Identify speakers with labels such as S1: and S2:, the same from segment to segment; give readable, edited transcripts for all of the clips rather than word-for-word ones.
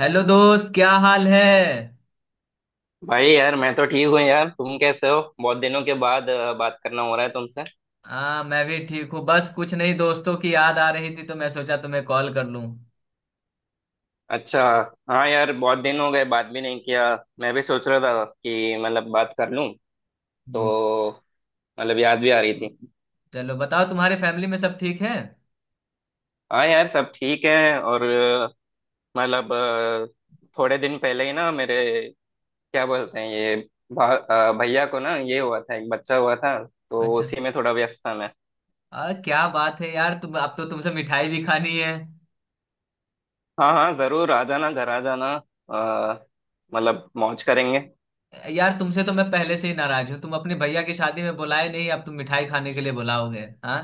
S1: Hello दोस्त, क्या हाल है।
S2: भाई यार, मैं तो ठीक हूँ यार। तुम कैसे हो? बहुत दिनों के बाद बात करना हो रहा है तुमसे।
S1: हाँ, मैं भी ठीक हूँ। बस कुछ नहीं, दोस्तों की याद आ रही थी तो मैं सोचा तुम्हें कॉल कर लूँ।
S2: अच्छा। हाँ यार, बहुत दिन हो गए, बात भी नहीं किया। मैं भी सोच रहा था कि मतलब बात कर लूँ तो।
S1: हम्म,
S2: मतलब याद भी आ रही थी।
S1: चलो बताओ, तुम्हारे फैमिली में सब ठीक है।
S2: हाँ यार, सब ठीक है। और मतलब थोड़े दिन पहले ही ना मेरे, क्या बोलते हैं ये, भा, भैया को ना ये हुआ था, एक बच्चा हुआ था। तो
S1: अच्छा।
S2: उसी में थोड़ा व्यस्त था मैं।
S1: क्या बात है यार, तुम अब तो तुमसे मिठाई भी खानी है।
S2: हाँ हाँ, जरूर आ जाना, घर आ जाना। अ, मतलब मौज करेंगे।
S1: यार, तुमसे तो मैं पहले से ही नाराज हूँ, तुम अपने भैया की शादी में बुलाए नहीं, अब तुम मिठाई खाने के लिए बुलाओगे हाँ।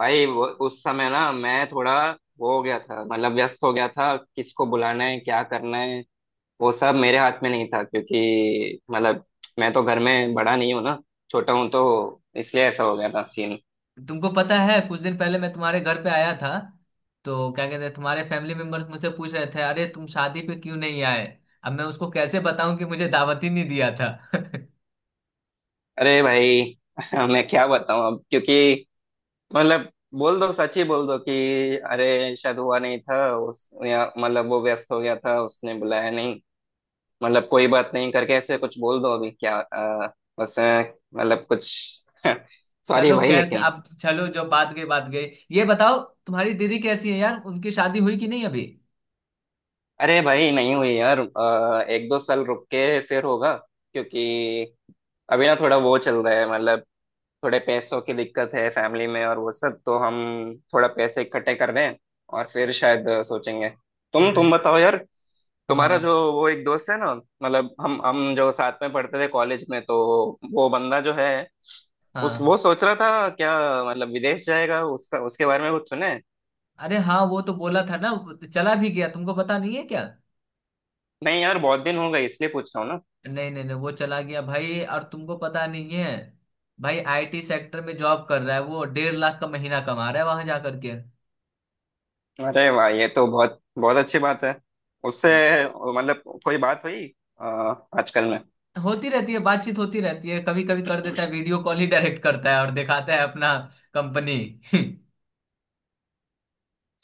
S2: भाई, वो उस समय ना मैं थोड़ा वो हो गया था, मतलब व्यस्त हो गया था। किसको बुलाना है, क्या करना है, वो सब मेरे हाथ में नहीं था। क्योंकि मतलब मैं तो घर में बड़ा नहीं हूँ ना, छोटा हूँ। तो इसलिए ऐसा हो गया था सीन।
S1: तुमको पता है कुछ दिन पहले मैं तुम्हारे घर पे आया था, तो क्या कहते हैं, तुम्हारे फैमिली मेंबर्स मुझसे पूछ रहे थे, अरे तुम शादी पे क्यों नहीं आए। अब मैं उसको कैसे बताऊं कि मुझे दावत ही नहीं दिया था।
S2: अरे भाई। मैं क्या बताऊँ अब, क्योंकि मतलब बोल दो, सच ही बोल दो कि अरे शायद हुआ नहीं था उस, या मतलब वो व्यस्त हो गया था, उसने बुलाया नहीं। मतलब कोई बात नहीं, करके ऐसे कुछ बोल दो अभी। क्या बस मतलब कुछ। सॉरी
S1: चलो
S2: भाई,
S1: खैर,
S2: लेकिन।
S1: अब चलो जो बात गई बात गई। ये बताओ, तुम्हारी दीदी कैसी है यार, उनकी शादी हुई कि नहीं अभी।
S2: अरे भाई, नहीं हुई यार। एक दो साल रुक के फिर होगा। क्योंकि अभी ना थोड़ा वो चल रहा है, मतलब थोड़े पैसों की दिक्कत है फैमिली में। और वो सब तो हम थोड़ा पैसे इकट्ठे कर रहे हैं। और फिर शायद सोचेंगे। तुम
S1: नहीं।
S2: बताओ यार। तुम्हारा
S1: हाँ
S2: जो वो एक दोस्त है ना, मतलब हम जो साथ में पढ़ते थे कॉलेज में, तो वो बंदा जो है, उस
S1: हाँ।
S2: वो सोच रहा था क्या मतलब विदेश जाएगा, उसका उसके बारे में कुछ सुने?
S1: अरे हाँ, वो तो बोला था ना। चला भी गया, तुमको पता नहीं है क्या।
S2: नहीं यार, बहुत दिन हो गए, इसलिए पूछ रहा हूँ ना।
S1: नहीं नहीं नहीं, वो चला गया भाई, और तुमको पता नहीं है। भाई आईटी सेक्टर में जॉब कर रहा है, वो 1.5 लाख का महीना कमा रहा है वहां जा करके।
S2: अरे वाह, ये तो बहुत बहुत अच्छी बात है। उससे मतलब कोई बात हुई अ, आजकल में?
S1: होती रहती है, बातचीत होती रहती है, कभी कभी कर देता है वीडियो कॉल ही, डायरेक्ट करता है और दिखाता है अपना कंपनी।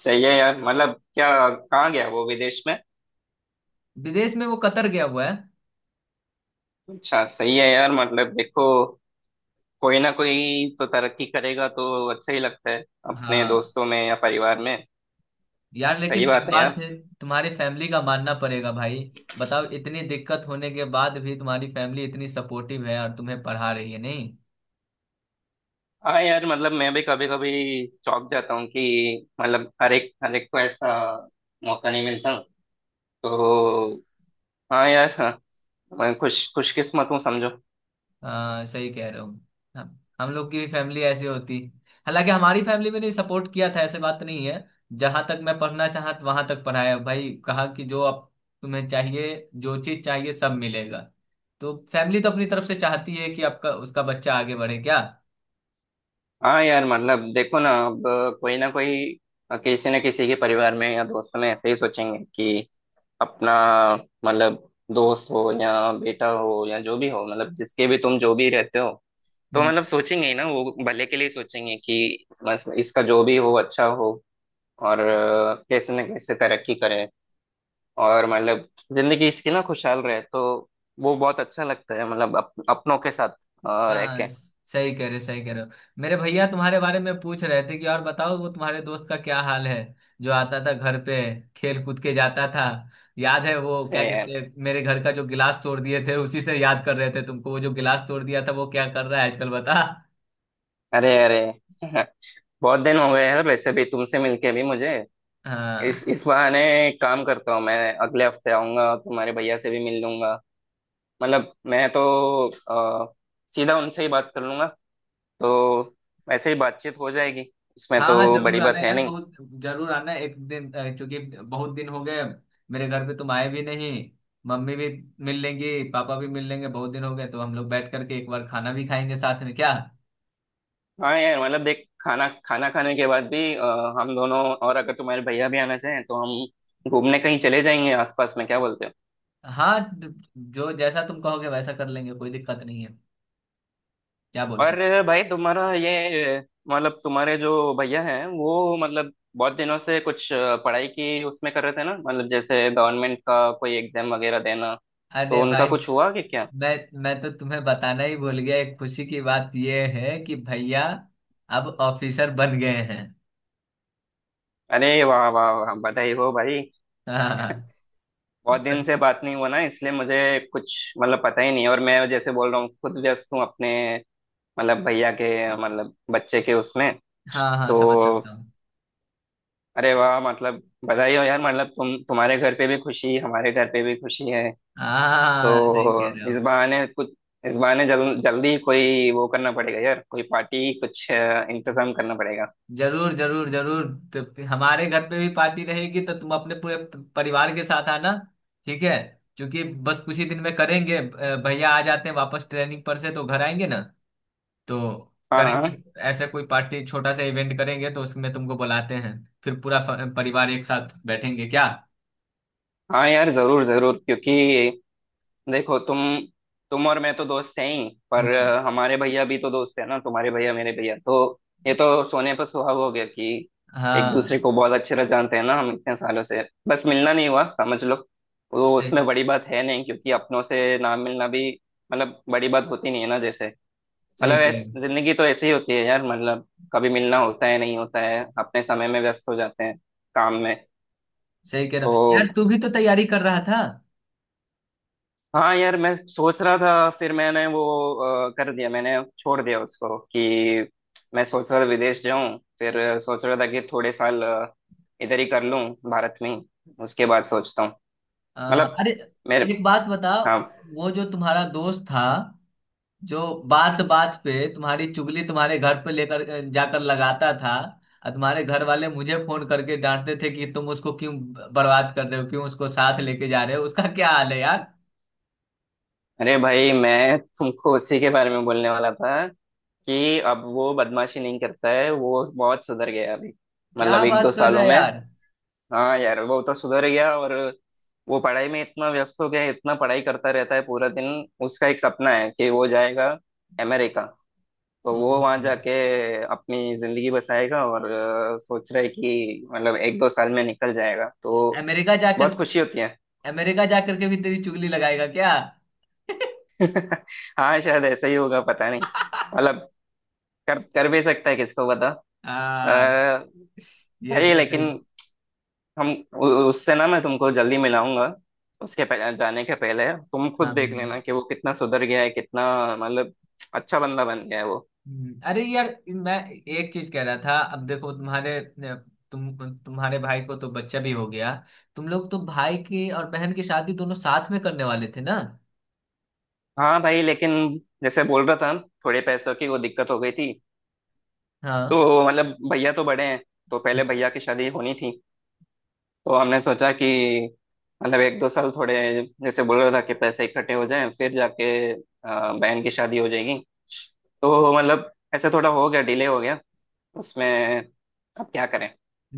S2: सही है यार, मतलब क्या, कहाँ गया वो विदेश में?
S1: विदेश में वो कतर गया हुआ है।
S2: अच्छा, सही है यार। मतलब देखो, कोई ना कोई तो तरक्की करेगा, तो अच्छा ही लगता है, अपने
S1: हाँ।
S2: दोस्तों में या परिवार में।
S1: यार लेकिन
S2: सही
S1: एक
S2: बात है
S1: बात
S2: यार।
S1: है, तुम्हारी फैमिली का मानना पड़ेगा भाई। बताओ, इतनी दिक्कत होने के बाद भी तुम्हारी फैमिली इतनी सपोर्टिव है और तुम्हें पढ़ा रही है नहीं।
S2: हाँ यार, मतलब मैं भी कभी कभी चौंक जाता हूँ कि मतलब हर एक को ऐसा मौका नहीं मिलता। तो हाँ यार, हाँ, मैं खुशकिस्मत हूँ समझो।
S1: हाँ सही कह रहे हो। हम लोग की भी फैमिली ऐसी होती। हालांकि हमारी फैमिली में भी सपोर्ट किया था, ऐसे बात नहीं है। जहां तक मैं पढ़ना चाहा वहां तक पढ़ाया भाई, कहा कि जो आप तुम्हें चाहिए, जो चीज चाहिए सब मिलेगा। तो फैमिली तो अपनी तरफ से चाहती है कि आपका उसका बच्चा आगे बढ़े क्या।
S2: हाँ यार, मतलब देखो ना अब, कोई ना कोई, किसी न किसी के परिवार में या दोस्तों में ऐसे ही सोचेंगे कि अपना, मतलब दोस्त हो या बेटा हो या जो भी हो, मतलब जिसके भी तुम जो भी रहते हो, तो मतलब सोचेंगे ही ना, वो भले के लिए सोचेंगे कि बस इसका जो भी हो अच्छा हो। और कैसे न कैसे तरक्की करे। और मतलब जिंदगी इसकी ना खुशहाल रहे, तो वो बहुत अच्छा लगता है। मतलब अपनों के साथ और रह
S1: हाँ
S2: के।
S1: सही कह रहे हो, सही कह रहे हो। मेरे भैया तुम्हारे बारे में पूछ रहे थे कि और बताओ वो तुम्हारे दोस्त का क्या हाल है, जो आता था घर पे, खेल कूद के जाता था। याद है, वो क्या
S2: अरे
S1: कहते हैं, मेरे घर का जो गिलास तोड़ दिए थे उसी से याद कर रहे थे तुमको, वो जो गिलास तोड़ दिया था वो क्या कर रहा है आजकल बता।
S2: अरे अरे। बहुत दिन हो गए हैं वैसे भी तुमसे मिलके भी मुझे।
S1: हाँ
S2: इस बहाने एक काम करता हूँ, मैं अगले हफ्ते आऊंगा, तुम्हारे भैया से भी मिल लूंगा। मतलब मैं तो अ, सीधा उनसे ही बात कर लूंगा, तो वैसे ही बातचीत हो जाएगी। इसमें
S1: हाँ, हाँ
S2: तो बड़ी
S1: जरूर आना
S2: बात है
S1: यार,
S2: नहीं।
S1: बहुत जरूर आना एक दिन, क्योंकि बहुत दिन हो गए, मेरे घर पे तुम आए भी नहीं। मम्मी भी मिल लेंगी, पापा भी मिल लेंगे, बहुत दिन हो गए, तो हम लोग बैठ करके एक बार खाना भी खाएंगे साथ में क्या।
S2: हाँ यार, मतलब देख, खाना खाना खाने के बाद भी हम दोनों, और अगर तुम्हारे भैया भी आना चाहें तो हम घूमने कहीं चले जाएंगे आसपास में। क्या बोलते हो?
S1: हाँ जो जैसा तुम कहोगे वैसा कर लेंगे, कोई दिक्कत नहीं है। क्या बोलते
S2: और
S1: हो?
S2: भाई, तुम्हारा ये मतलब तुम्हारे जो भैया हैं वो, मतलब बहुत दिनों से कुछ पढ़ाई की उसमें कर रहे थे ना, मतलब जैसे गवर्नमेंट का कोई एग्जाम वगैरह देना। तो
S1: अरे भाई,
S2: उनका कुछ हुआ कि क्या?
S1: मैं तो तुम्हें बताना ही भूल गया, एक खुशी की बात ये है कि भैया अब ऑफिसर बन गए हैं।
S2: अरे वाह वाह वाह, बधाई हो भाई। बहुत दिन
S1: हाँ
S2: से बात नहीं हुआ ना, इसलिए मुझे कुछ मतलब पता ही नहीं। और मैं जैसे बोल रहा हूँ, खुद व्यस्त हूँ अपने मतलब भैया के, मतलब बच्चे के उसमें।
S1: हाँ, हाँ
S2: तो
S1: समझ सकता हूँ।
S2: अरे वाह, मतलब बधाई हो यार। मतलब तुम, तुम्हारे घर पे भी खुशी, हमारे घर पे भी खुशी है।
S1: हाँ सही कह रहे
S2: तो
S1: हो।
S2: इस बहाने कुछ, इस बहाने जल्दी ही कोई वो करना पड़ेगा यार, कोई पार्टी, कुछ इंतजाम करना पड़ेगा।
S1: जरूर जरूर जरूर। तो फिर हमारे घर पे भी पार्टी रहेगी, तो तुम अपने पूरे परिवार के साथ आना। ठीक है। क्योंकि बस कुछ ही दिन में करेंगे, भैया आ जाते हैं वापस ट्रेनिंग पर से तो घर आएंगे ना। तो
S2: हाँ
S1: करेंगे
S2: हाँ।
S1: ऐसे कोई पार्टी, छोटा सा इवेंट करेंगे तो उसमें तुमको बुलाते हैं। फिर पूरा परिवार एक साथ बैठेंगे क्या।
S2: हाँ यार, जरूर जरूर, क्योंकि देखो तुम और मैं तो दोस्त हैं ही, पर
S1: हम्म,
S2: हमारे भैया भी तो दोस्त है ना, तुम्हारे भैया मेरे भैया तो। ये तो सोने पर सुहाग हो गया कि एक दूसरे
S1: हाँ
S2: को बहुत अच्छे तरह जानते हैं ना हम इतने सालों से। बस मिलना नहीं हुआ समझ लो। वो
S1: सही।
S2: उसमें बड़ी बात है नहीं, क्योंकि अपनों से ना मिलना भी मतलब बड़ी बात होती नहीं है ना, जैसे
S1: सही
S2: मतलब
S1: कह रहे
S2: ऐसे।
S1: हो,
S2: जिंदगी तो ऐसी ही होती है यार, मतलब कभी मिलना होता है, नहीं होता है, अपने समय में व्यस्त हो जाते हैं काम में।
S1: सही कह रहा।
S2: तो।
S1: यार तू भी तो तैयारी कर रहा था।
S2: हाँ यार, मैं सोच रहा था, फिर मैंने वो कर दिया, मैंने छोड़ दिया उसको कि मैं सोच रहा था विदेश जाऊं। फिर सोच रहा था कि थोड़े साल इधर ही कर लूं, भारत में ही। उसके बाद सोचता हूँ, मतलब
S1: अरे,
S2: मेरे।
S1: एक बात बता।
S2: हाँ।
S1: वो जो तुम्हारा दोस्त था, जो बात बात पे तुम्हारी चुगली तुम्हारे घर पे लेकर जाकर लगाता था, और तुम्हारे घर वाले मुझे फोन करके डांटते थे कि तुम उसको क्यों बर्बाद कर रहे हो, क्यों उसको साथ लेके जा रहे हो, उसका क्या हाल है यार।
S2: अरे भाई, मैं तुमको उसी के बारे में बोलने वाला था कि अब वो बदमाशी नहीं करता है, वो बहुत सुधर गया है अभी। मतलब
S1: क्या
S2: एक दो
S1: बात कर रहा
S2: सालों
S1: है
S2: में।
S1: यार।
S2: हाँ यार, वो तो सुधर गया। और वो पढ़ाई में इतना व्यस्त हो गया है, इतना पढ़ाई करता रहता है पूरा दिन। उसका एक सपना है कि वो जाएगा अमेरिका। तो
S1: ओ,
S2: वो वहां जाके अपनी जिंदगी बसाएगा, और सोच रहा है कि मतलब एक दो साल में निकल जाएगा। तो
S1: अमेरिका जाकर,
S2: बहुत खुशी होती है।
S1: अमेरिका जाकर के भी तेरी चुगली लगाएगा क्या।
S2: हाँ, शायद ऐसा ही होगा, पता नहीं। मतलब कर कर भी सकता है, किसको पता।
S1: हाँ,
S2: अ,
S1: ये
S2: भाई
S1: तो सही।
S2: लेकिन हम, उससे ना मैं तुमको जल्दी मिलाऊंगा। उसके जाने के पहले तुम
S1: हाँ
S2: खुद देख
S1: मैंने-
S2: लेना कि वो कितना सुधर गया है, कितना मतलब अच्छा बंदा बन गया है वो।
S1: अरे यार, मैं एक चीज कह रहा था, अब देखो तुम्हारे तुम तुम्हारे भाई को तो बच्चा भी हो गया, तुम लोग तो भाई की और बहन की शादी दोनों साथ में करने वाले थे ना।
S2: हाँ भाई, लेकिन जैसे बोल रहा था, थोड़े पैसों की वो दिक्कत हो गई थी।
S1: हाँ
S2: तो मतलब भैया तो बड़े हैं, तो पहले भैया की शादी होनी थी। तो हमने सोचा कि मतलब एक दो साल, थोड़े, जैसे बोल रहा था, कि पैसे इकट्ठे हो जाएं, फिर जाके अ, बहन की शादी हो जाएगी। तो मतलब ऐसे थोड़ा हो गया, डिले हो गया उसमें। अब क्या करें।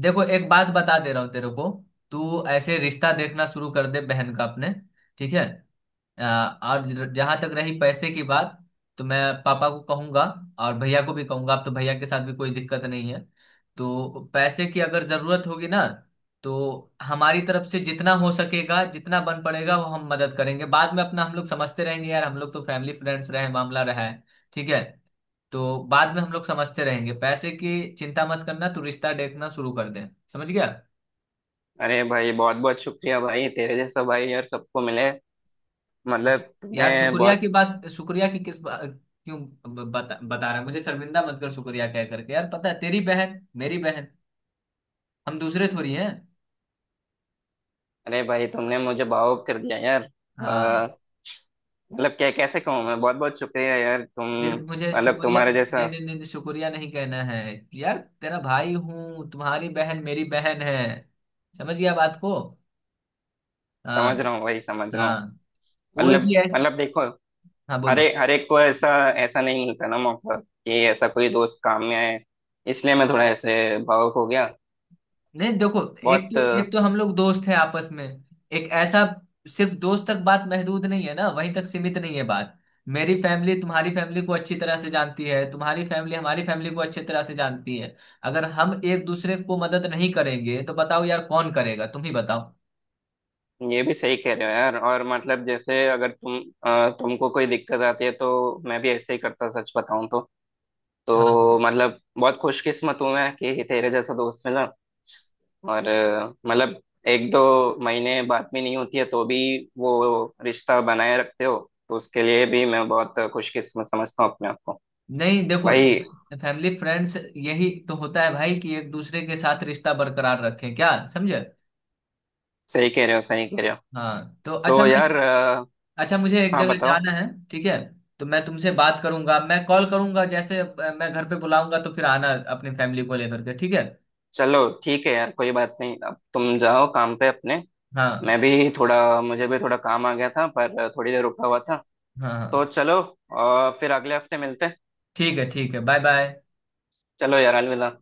S1: देखो, एक बात बता दे रहा हूँ तेरे को, तू ऐसे रिश्ता देखना शुरू कर दे बहन का अपने। ठीक है। अ, और जहां तक रही पैसे की बात, तो मैं पापा को कहूंगा, और भैया को भी कहूंगा, अब तो भैया के साथ भी कोई दिक्कत नहीं है। तो पैसे की अगर जरूरत होगी ना, तो हमारी तरफ से जितना हो सकेगा जितना बन पड़ेगा वो हम मदद करेंगे, बाद में अपना हम लोग समझते रहेंगे यार, हम लोग तो फैमिली फ्रेंड्स रहे मामला रहा है। ठीक है। तो बाद में हम लोग समझते रहेंगे, पैसे की चिंता मत करना, तू रिश्ता देखना शुरू कर दे। समझ गया।
S2: अरे भाई, बहुत बहुत शुक्रिया भाई, तेरे जैसा भाई यार सबको मिले। मतलब तुमने
S1: यार शुक्रिया
S2: बहुत।
S1: की बात, शुक्रिया की किस क्यों। बता बता रहा है, मुझे शर्मिंदा मत कर शुक्रिया कह करके, यार पता है, तेरी बहन मेरी बहन, हम दूसरे थोड़ी हैं।
S2: अरे भाई, तुमने मुझे भावुक कर दिया यार।
S1: हाँ,
S2: मतलब क्या, कैसे कहूँ, मैं बहुत बहुत शुक्रिया यार, तुम।
S1: फिर मुझे
S2: मतलब
S1: शुक्रिया
S2: तुम्हारे
S1: नहीं
S2: जैसा।
S1: नहीं नहीं नहीं, शुक्रिया नहीं कहना है। यार तेरा भाई हूँ, तुम्हारी बहन मेरी बहन है, समझ गया बात को। हाँ
S2: समझ रहा हूँ भाई, समझ रहा हूँ।
S1: हाँ। कोई
S2: मतलब,
S1: भी है।
S2: देखो,
S1: हाँ
S2: हर
S1: बोलो।
S2: एक हर एक को ऐसा, ऐसा नहीं मिलता ना मौका कि ऐसा कोई दोस्त काम में आए। इसलिए मैं थोड़ा ऐसे भावुक हो गया।
S1: नहीं देखो, एक
S2: बहुत।
S1: तो एक तो हम लोग दोस्त हैं आपस में, एक ऐसा, सिर्फ दोस्त तक बात महदूद नहीं है ना, वहीं तक सीमित नहीं है बात। मेरी फैमिली तुम्हारी फैमिली को अच्छी तरह से जानती है, तुम्हारी फैमिली हमारी फैमिली को अच्छी तरह से जानती है। अगर हम एक दूसरे को मदद नहीं करेंगे तो बताओ यार कौन करेगा, तुम ही बताओ।
S2: ये भी सही कह रहे हो यार। और मतलब जैसे, अगर तुम, तुमको कोई दिक्कत आती है तो मैं भी ऐसे ही करता, सच बताऊं तो।
S1: हाँ
S2: तो
S1: हाँ।
S2: मतलब बहुत खुशकिस्मत हूं मैं कि तेरे जैसा दोस्त मिला। और मतलब एक दो महीने बात भी नहीं होती है तो भी वो रिश्ता बनाए रखते हो। तो उसके लिए भी मैं बहुत खुशकिस्मत समझता हूँ अपने आप को।
S1: नहीं देखो,
S2: भाई।
S1: फैमिली फ्रेंड्स यही तो होता है भाई, कि एक दूसरे के साथ रिश्ता बरकरार रखें क्या समझे।
S2: सही कह रहे हो, सही कह रहे हो।
S1: हाँ तो अच्छा
S2: तो
S1: मैं,
S2: यार
S1: अच्छा मुझे एक
S2: हाँ
S1: जगह
S2: बताओ।
S1: जाना है। ठीक है। तो मैं तुमसे बात करूंगा, मैं कॉल करूंगा, जैसे मैं घर पे बुलाऊंगा तो फिर आना अपनी फैमिली को लेकर के, ठीक है।
S2: चलो ठीक है यार, कोई बात नहीं, अब तुम जाओ काम पे अपने।
S1: हाँ
S2: मैं भी थोड़ा, मुझे भी थोड़ा काम आ गया था, पर थोड़ी देर रुका हुआ था।
S1: हाँ हाँ।
S2: तो चलो फिर अगले हफ्ते मिलते हैं।
S1: ठीक है, ठीक है, बाय बाय।
S2: चलो यार, अलविदा।